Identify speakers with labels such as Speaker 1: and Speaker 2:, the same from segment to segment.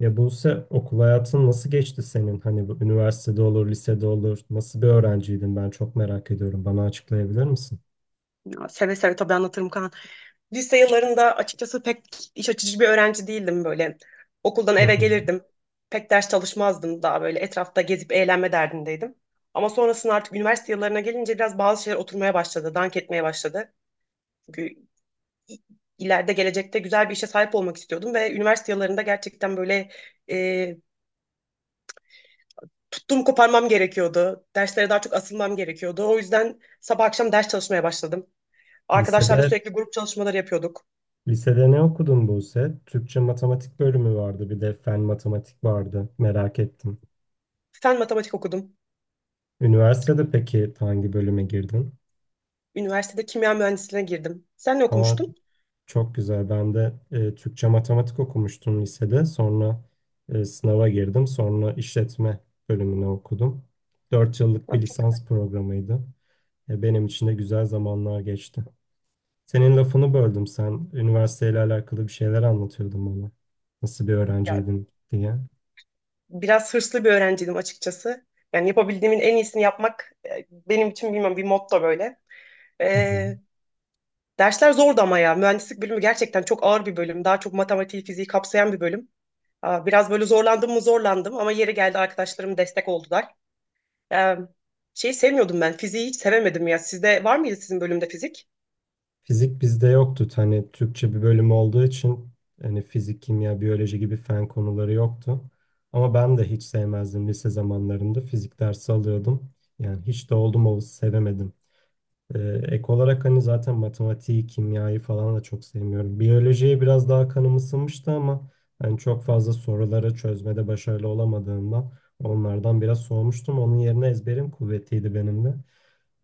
Speaker 1: Ya Buse okul hayatın nasıl geçti senin? Hani bu üniversitede olur, lisede olur. Nasıl bir öğrenciydin? Ben çok merak ediyorum. Bana açıklayabilir misin?
Speaker 2: Ya, seve seve tabii anlatırım Kaan. Lise yıllarında açıkçası pek iş açıcı bir öğrenci değildim böyle. Okuldan
Speaker 1: Hı
Speaker 2: eve
Speaker 1: hı.
Speaker 2: gelirdim. Pek ders çalışmazdım. Daha böyle etrafta gezip eğlenme derdindeydim. Ama sonrasında artık üniversite yıllarına gelince biraz bazı şeyler oturmaya başladı. Dank etmeye başladı. Çünkü i- ileride gelecekte güzel bir işe sahip olmak istiyordum. Ve üniversite yıllarında gerçekten böyle e, tuttuğum koparmam gerekiyordu. Derslere daha çok asılmam gerekiyordu. O yüzden sabah akşam ders çalışmaya başladım. Arkadaşlarla
Speaker 1: Lisede
Speaker 2: sürekli grup çalışmaları yapıyorduk.
Speaker 1: lisede ne okudun Buse? Türkçe matematik bölümü vardı, bir de fen matematik vardı. Merak ettim.
Speaker 2: Fen matematik okudum.
Speaker 1: Üniversitede peki hangi bölüme girdin?
Speaker 2: Üniversitede kimya mühendisliğine girdim. Sen ne
Speaker 1: Aa,
Speaker 2: okumuştun?
Speaker 1: çok güzel. Ben de Türkçe matematik okumuştum lisede. Sonra sınava girdim. Sonra işletme bölümüne okudum. 4 yıllık
Speaker 2: Ben
Speaker 1: bir
Speaker 2: çok
Speaker 1: lisans programıydı. Ya benim için de güzel zamanlar geçti. Senin lafını böldüm. Sen üniversiteyle alakalı bir şeyler anlatıyordun bana. Nasıl bir
Speaker 2: ya,
Speaker 1: öğrenciydin diye.
Speaker 2: biraz hırslı bir öğrenciydim açıkçası. Yani yapabildiğimin en iyisini yapmak benim için bilmem bir motto böyle.
Speaker 1: Hı hı.
Speaker 2: Ee, Dersler zordu ama ya. Mühendislik bölümü gerçekten çok ağır bir bölüm. Daha çok matematiği, fiziği kapsayan bir bölüm. Biraz böyle zorlandım mı zorlandım ama yeri geldi arkadaşlarım destek oldular. Ee, Şeyi sevmiyordum ben. Fiziği hiç sevemedim ya. Sizde var mıydı sizin bölümde fizik?
Speaker 1: Fizik bizde yoktu. Hani Türkçe bir bölüm olduğu için hani fizik, kimya, biyoloji gibi fen konuları yoktu. Ama ben de hiç sevmezdim lise zamanlarında. Fizik dersi alıyordum. Yani hiç de oldum olası sevemedim. Ee, Ek olarak hani zaten matematiği, kimyayı falan da çok sevmiyorum. Biyolojiye biraz daha kanım ısınmıştı ama hani çok fazla soruları çözmede başarılı olamadığımdan onlardan biraz soğumuştum. Onun yerine ezberim kuvvetiydi benim de.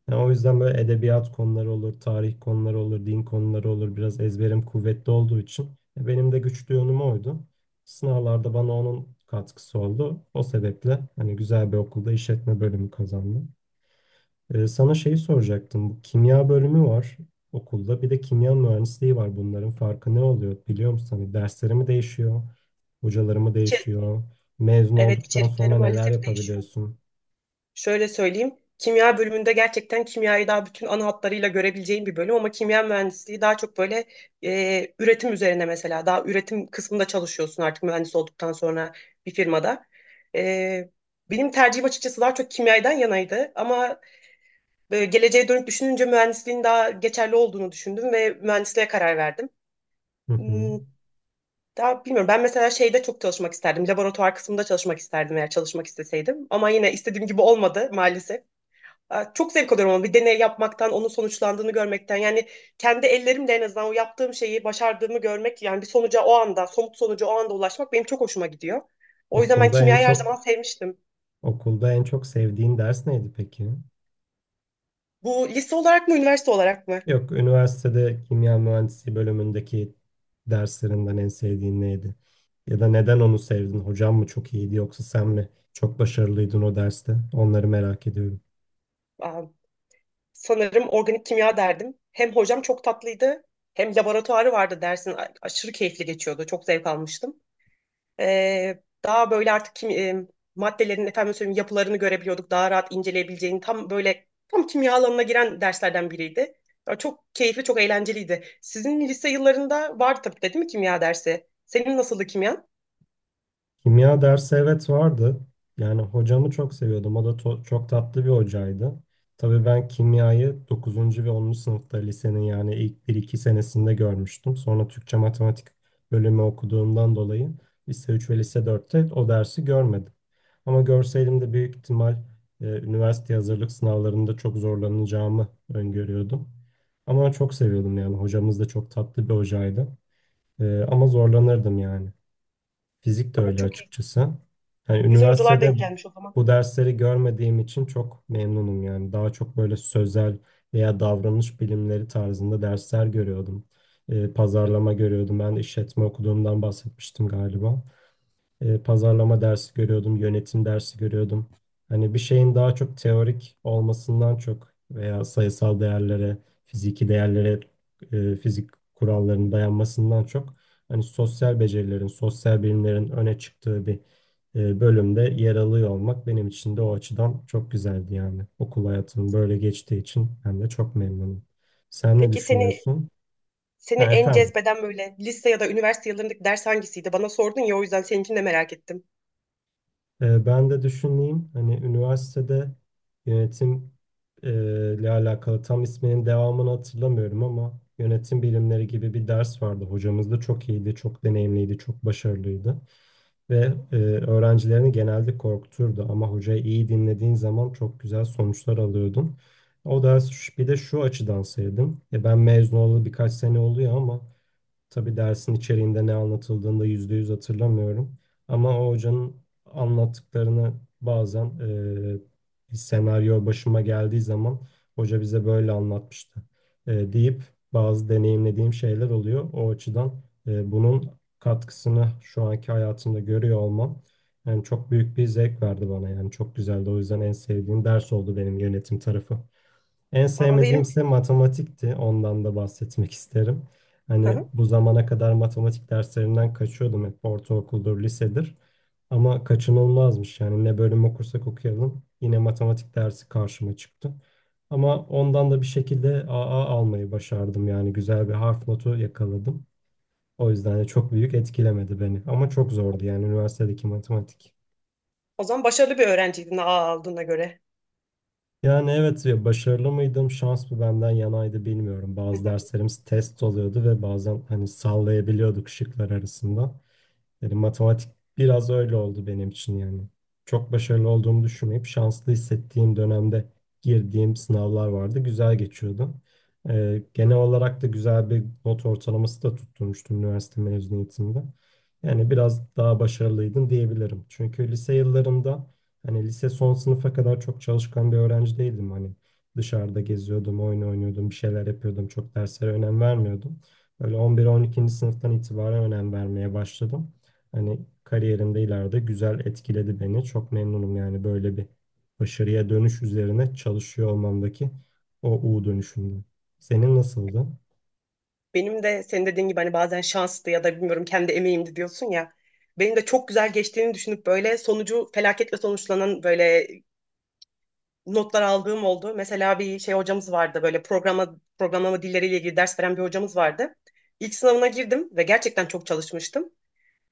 Speaker 1: Yani o yüzden böyle edebiyat konuları olur, tarih konuları olur, din konuları olur. Biraz ezberim kuvvetli olduğu için benim de güçlü yönüm oydu. Sınavlarda bana onun katkısı oldu. O sebeple hani güzel bir okulda işletme bölümü kazandım. Sana şeyi soracaktım. Bu kimya bölümü var okulda. Bir de kimya mühendisliği var. Bunların farkı ne oluyor biliyor musun? Hani dersleri mi değişiyor? Hocaları mı
Speaker 2: İçe-
Speaker 1: değişiyor? Mezun
Speaker 2: Evet
Speaker 1: olduktan
Speaker 2: içerikleri
Speaker 1: sonra neler
Speaker 2: maalesef değişiyor.
Speaker 1: yapabiliyorsun?
Speaker 2: Şöyle söyleyeyim. Kimya bölümünde gerçekten kimyayı daha bütün ana hatlarıyla görebileceğin bir bölüm ama kimya mühendisliği daha çok böyle üretim üzerine, mesela daha üretim kısmında çalışıyorsun artık mühendis olduktan sonra bir firmada. E, Benim tercihim açıkçası daha çok kimyadan yanaydı ama geleceğe dönüp düşününce mühendisliğin daha geçerli olduğunu düşündüm ve mühendisliğe karar verdim.
Speaker 1: Hı hı.
Speaker 2: Hmm, daha bilmiyorum. Ben mesela şeyde çok çalışmak isterdim. Laboratuvar kısmında çalışmak isterdim eğer çalışmak isteseydim. Ama yine istediğim gibi olmadı maalesef. Çok zevk alıyorum ama bir deney yapmaktan, onun sonuçlandığını görmekten. Yani kendi ellerimle en azından o yaptığım şeyi başardığımı görmek, yani bir sonuca o anda, somut sonuca o anda ulaşmak benim çok hoşuma gidiyor. O yüzden ben
Speaker 1: Okulda en
Speaker 2: kimyayı her zaman
Speaker 1: çok
Speaker 2: sevmiştim.
Speaker 1: okulda en çok sevdiğin ders neydi peki?
Speaker 2: Bu lise olarak mı, üniversite olarak mı?
Speaker 1: Yok, üniversitede kimya mühendisliği bölümündeki derslerinden en sevdiğin neydi? Ya da neden onu sevdin? Hocam mı çok iyiydi yoksa sen mi çok başarılıydın o derste? Onları merak ediyorum.
Speaker 2: Aa, Sanırım organik kimya derdim. Hem hocam çok tatlıydı, hem laboratuvarı vardı dersin. Aşırı keyifli geçiyordu, çok zevk almıştım. Daha böyle artık maddelerin efendim söyleyeyim yapılarını görebiliyorduk. Daha rahat inceleyebileceğin tam böyle tam kimya alanına giren derslerden biriydi. Ya çok keyifli, çok eğlenceliydi. Sizin lise yıllarında var tabii de değil mi kimya dersi? Senin nasıldı kimya?
Speaker 1: Kimya dersi evet vardı. Yani hocamı çok seviyordum. O da çok tatlı bir hocaydı. Tabii ben kimyayı 9. ve 10. sınıfta lisenin yani ilk bir iki senesinde görmüştüm. Sonra Türkçe matematik bölümü okuduğumdan dolayı lise 3 ve lise 4'te o dersi görmedim. Ama görseydim de büyük ihtimal üniversite hazırlık sınavlarında çok zorlanacağımı öngörüyordum. Ama çok seviyordum yani. Hocamız da çok tatlı bir hocaydı. Ama zorlanırdım yani. Fizik de öyle
Speaker 2: Çok iyi.
Speaker 1: açıkçası. Hani
Speaker 2: Güzel hocalar
Speaker 1: üniversitede
Speaker 2: denk gelmiş o zaman.
Speaker 1: bu dersleri görmediğim için çok memnunum yani. Daha çok böyle sözel veya davranış bilimleri tarzında dersler görüyordum. Pazarlama görüyordum. Ben işletme okuduğumdan bahsetmiştim galiba. Pazarlama dersi görüyordum, yönetim dersi görüyordum. Hani bir şeyin daha çok teorik olmasından çok veya sayısal değerlere, fiziki değerlere, fizik kurallarına dayanmasından çok hani sosyal becerilerin, sosyal bilimlerin öne çıktığı bir bölümde yer alıyor olmak benim için de o açıdan çok güzeldi yani. Okul hayatım böyle geçtiği için ben de çok memnunum. Sen ne
Speaker 2: Peki seni
Speaker 1: düşünüyorsun?
Speaker 2: seni
Speaker 1: Ha,
Speaker 2: en
Speaker 1: efendim.
Speaker 2: cezbeden böyle lise ya da üniversite yıllarındaki ders hangisiydi? Bana sordun ya o yüzden seninkini de merak ettim.
Speaker 1: Ben de düşüneyim hani üniversitede yönetim e, ile alakalı tam isminin devamını hatırlamıyorum ama yönetim bilimleri gibi bir ders vardı. Hocamız da çok iyiydi, çok deneyimliydi, çok başarılıydı ve öğrencilerini genelde korkuturdu ama hocayı iyi dinlediğin zaman çok güzel sonuçlar alıyordun. O ders bir de şu açıdan sevdim. Ben mezun olalı birkaç sene oluyor ama tabii dersin içeriğinde ne anlatıldığını da %100 hatırlamıyorum. Ama o hocanın anlattıklarını bazen bir senaryo başıma geldiği zaman hoca bize böyle anlatmıştı deyip bazı deneyimlediğim şeyler oluyor. O açıdan bunun katkısını şu anki hayatımda görüyor olmam yani çok büyük bir zevk verdi bana yani çok güzeldi. O yüzden en sevdiğim ders oldu benim yönetim tarafı. En
Speaker 2: Aa, benim
Speaker 1: sevmediğimse matematikti. Ondan da bahsetmek isterim.
Speaker 2: hı
Speaker 1: Hani
Speaker 2: hı.
Speaker 1: bu zamana kadar matematik derslerinden kaçıyordum hep ortaokuldur, lisedir. Ama kaçınılmazmış yani ne bölüm okursak okuyalım yine matematik dersi karşıma çıktı. Ama ondan da bir şekilde AA almayı başardım yani güzel bir harf notu yakaladım. O yüzden de çok büyük etkilemedi beni ama çok zordu yani üniversitedeki matematik.
Speaker 2: O zaman başarılı bir öğrenciydin aa aldığına göre.
Speaker 1: Yani evet ya başarılı mıydım? Şans mı benden yanaydı bilmiyorum. Bazı derslerimiz test oluyordu ve bazen hani sallayabiliyorduk şıklar arasında. Yani matematik biraz öyle oldu benim için yani. Çok başarılı olduğumu düşünmeyip şanslı hissettiğim dönemde girdiğim sınavlar vardı. Güzel geçiyordu. Genel olarak da güzel bir not ortalaması da tutturmuştum üniversite mezuniyetimde. Yani biraz daha başarılıydım diyebilirim. Çünkü lise yıllarımda hani lise son sınıfa kadar çok çalışkan bir öğrenci değildim. Hani dışarıda geziyordum, oyun oynuyordum, bir şeyler yapıyordum. Çok derslere önem vermiyordum. Böyle 11-12. Sınıftan itibaren önem vermeye başladım. Hani kariyerimde ileride güzel etkiledi beni. Çok memnunum yani böyle bir başarıya dönüş üzerine çalışıyor olmamdaki o U dönüşümden. Senin nasıldı?
Speaker 2: Benim de senin dediğin gibi hani bazen şanstı ya da bilmiyorum kendi emeğimdi diyorsun ya. Benim de çok güzel geçtiğini düşünüp böyle sonucu felaketle sonuçlanan böyle notlar aldığım oldu. Mesela bir şey hocamız vardı böyle programlama dilleriyle ilgili ders veren bir hocamız vardı. İlk sınavına girdim ve gerçekten çok çalışmıştım.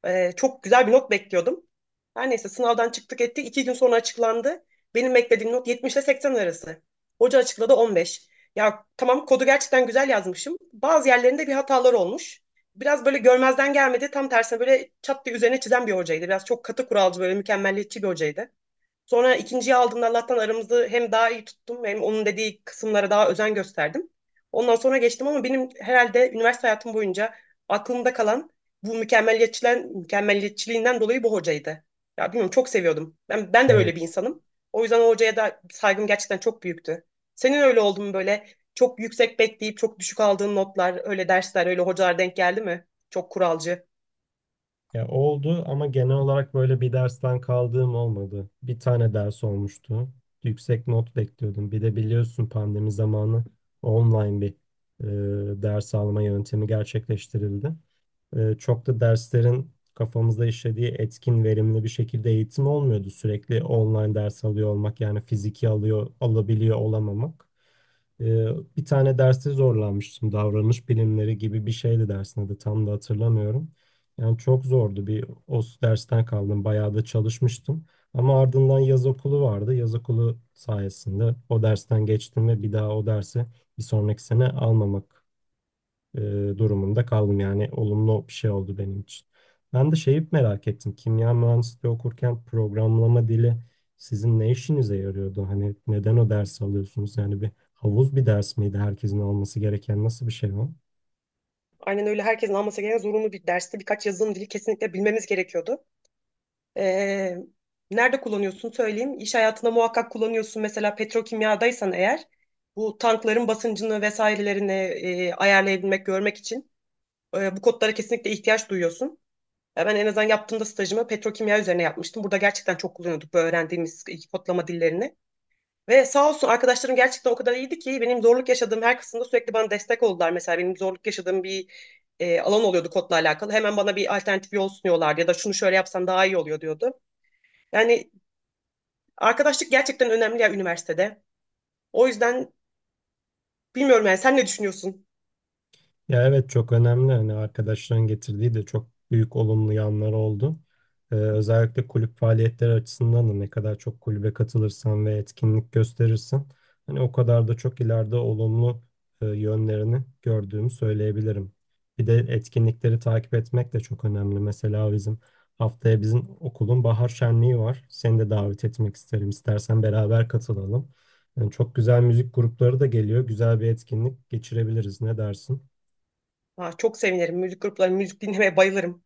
Speaker 2: Çok güzel bir not bekliyordum. Her neyse sınavdan çıktık ettik. İki gün sonra açıklandı. Benim beklediğim not 70 ile 80 arası. Hoca açıkladı 15. Ya tamam, kodu gerçekten güzel yazmışım. Bazı yerlerinde bir hatalar olmuş. Biraz böyle görmezden gelmedi. Tam tersine böyle çat diye üzerine çizen bir hocaydı. Biraz çok katı kuralcı, böyle mükemmelliyetçi bir hocaydı. Sonra ikinciyi aldığımda Allah'tan aramızı hem daha iyi tuttum hem onun dediği kısımlara daha özen gösterdim. Ondan sonra geçtim ama benim herhalde üniversite hayatım boyunca aklımda kalan bu mükemmeliyetçiliğinden dolayı bu hocaydı. Ya bilmiyorum çok seviyordum. Ben de öyle bir
Speaker 1: Evet.
Speaker 2: insanım. O yüzden o hocaya da saygım gerçekten çok büyüktü. Senin öyle oldu mu böyle çok yüksek bekleyip çok düşük aldığın notlar, öyle dersler, öyle hocalar denk geldi mi? Çok kuralcı.
Speaker 1: Ya oldu ama genel olarak böyle bir dersten kaldığım olmadı. Bir tane ders olmuştu. Yüksek not bekliyordum. Bir de biliyorsun pandemi zamanı online bir ders alma yöntemi gerçekleştirildi. Çok da derslerin kafamızda işlediği etkin, verimli bir şekilde eğitim olmuyordu. Sürekli online ders alıyor olmak yani fiziki alıyor, alabiliyor olamamak. E, Bir tane derste zorlanmıştım. Davranış bilimleri gibi bir şeydi dersin adı. Tam da hatırlamıyorum. Yani çok zordu. Bir o dersten kaldım. Bayağı da çalışmıştım. Ama ardından yaz okulu vardı. Yaz okulu sayesinde o dersten geçtim ve bir daha o dersi bir sonraki sene almamak e, durumunda kaldım. Yani olumlu bir şey oldu benim için. Ben de şeyi merak ettim. Kimya mühendisliği okurken programlama dili sizin ne işinize yarıyordu? Hani neden o dersi alıyorsunuz? Yani bir havuz bir ders miydi herkesin alması gereken nasıl bir şey o?
Speaker 2: Aynen öyle, herkesin alması gereken zorunlu bir derste birkaç yazılım dili kesinlikle bilmemiz gerekiyordu. Ee, Nerede kullanıyorsun söyleyeyim. İş hayatında muhakkak kullanıyorsun. Mesela petrokimyadaysan eğer bu tankların basıncını vesairelerini ayarlayabilmek, görmek için bu kodlara kesinlikle ihtiyaç duyuyorsun. Ya ben en azından yaptığımda stajımı petrokimya üzerine yapmıştım. Burada gerçekten çok kullanıyorduk bu öğrendiğimiz iki kodlama dillerini. Ve sağ olsun arkadaşlarım gerçekten o kadar iyiydi ki benim zorluk yaşadığım her kısımda sürekli bana destek oldular. Mesela benim zorluk yaşadığım bir alan oluyordu kodla alakalı. Hemen bana bir alternatif yol sunuyorlardı ya da şunu şöyle yapsan daha iyi oluyor diyordu. Yani arkadaşlık gerçekten önemli ya üniversitede. O yüzden bilmiyorum, yani sen ne düşünüyorsun?
Speaker 1: Ya evet çok önemli. Hani arkadaşların getirdiği de çok büyük olumlu yanları oldu. Özellikle kulüp faaliyetleri açısından da ne kadar çok kulübe katılırsan ve etkinlik gösterirsen hani o kadar da çok ileride olumlu yönlerini gördüğümü söyleyebilirim. Bir de etkinlikleri takip etmek de çok önemli. Mesela bizim haftaya bizim okulun bahar şenliği var. Seni de davet etmek isterim. İstersen beraber katılalım. Yani çok güzel müzik grupları da geliyor. Güzel bir etkinlik geçirebiliriz. Ne dersin?
Speaker 2: Ha, çok sevinirim. Müzik grupları, müzik dinlemeye bayılırım.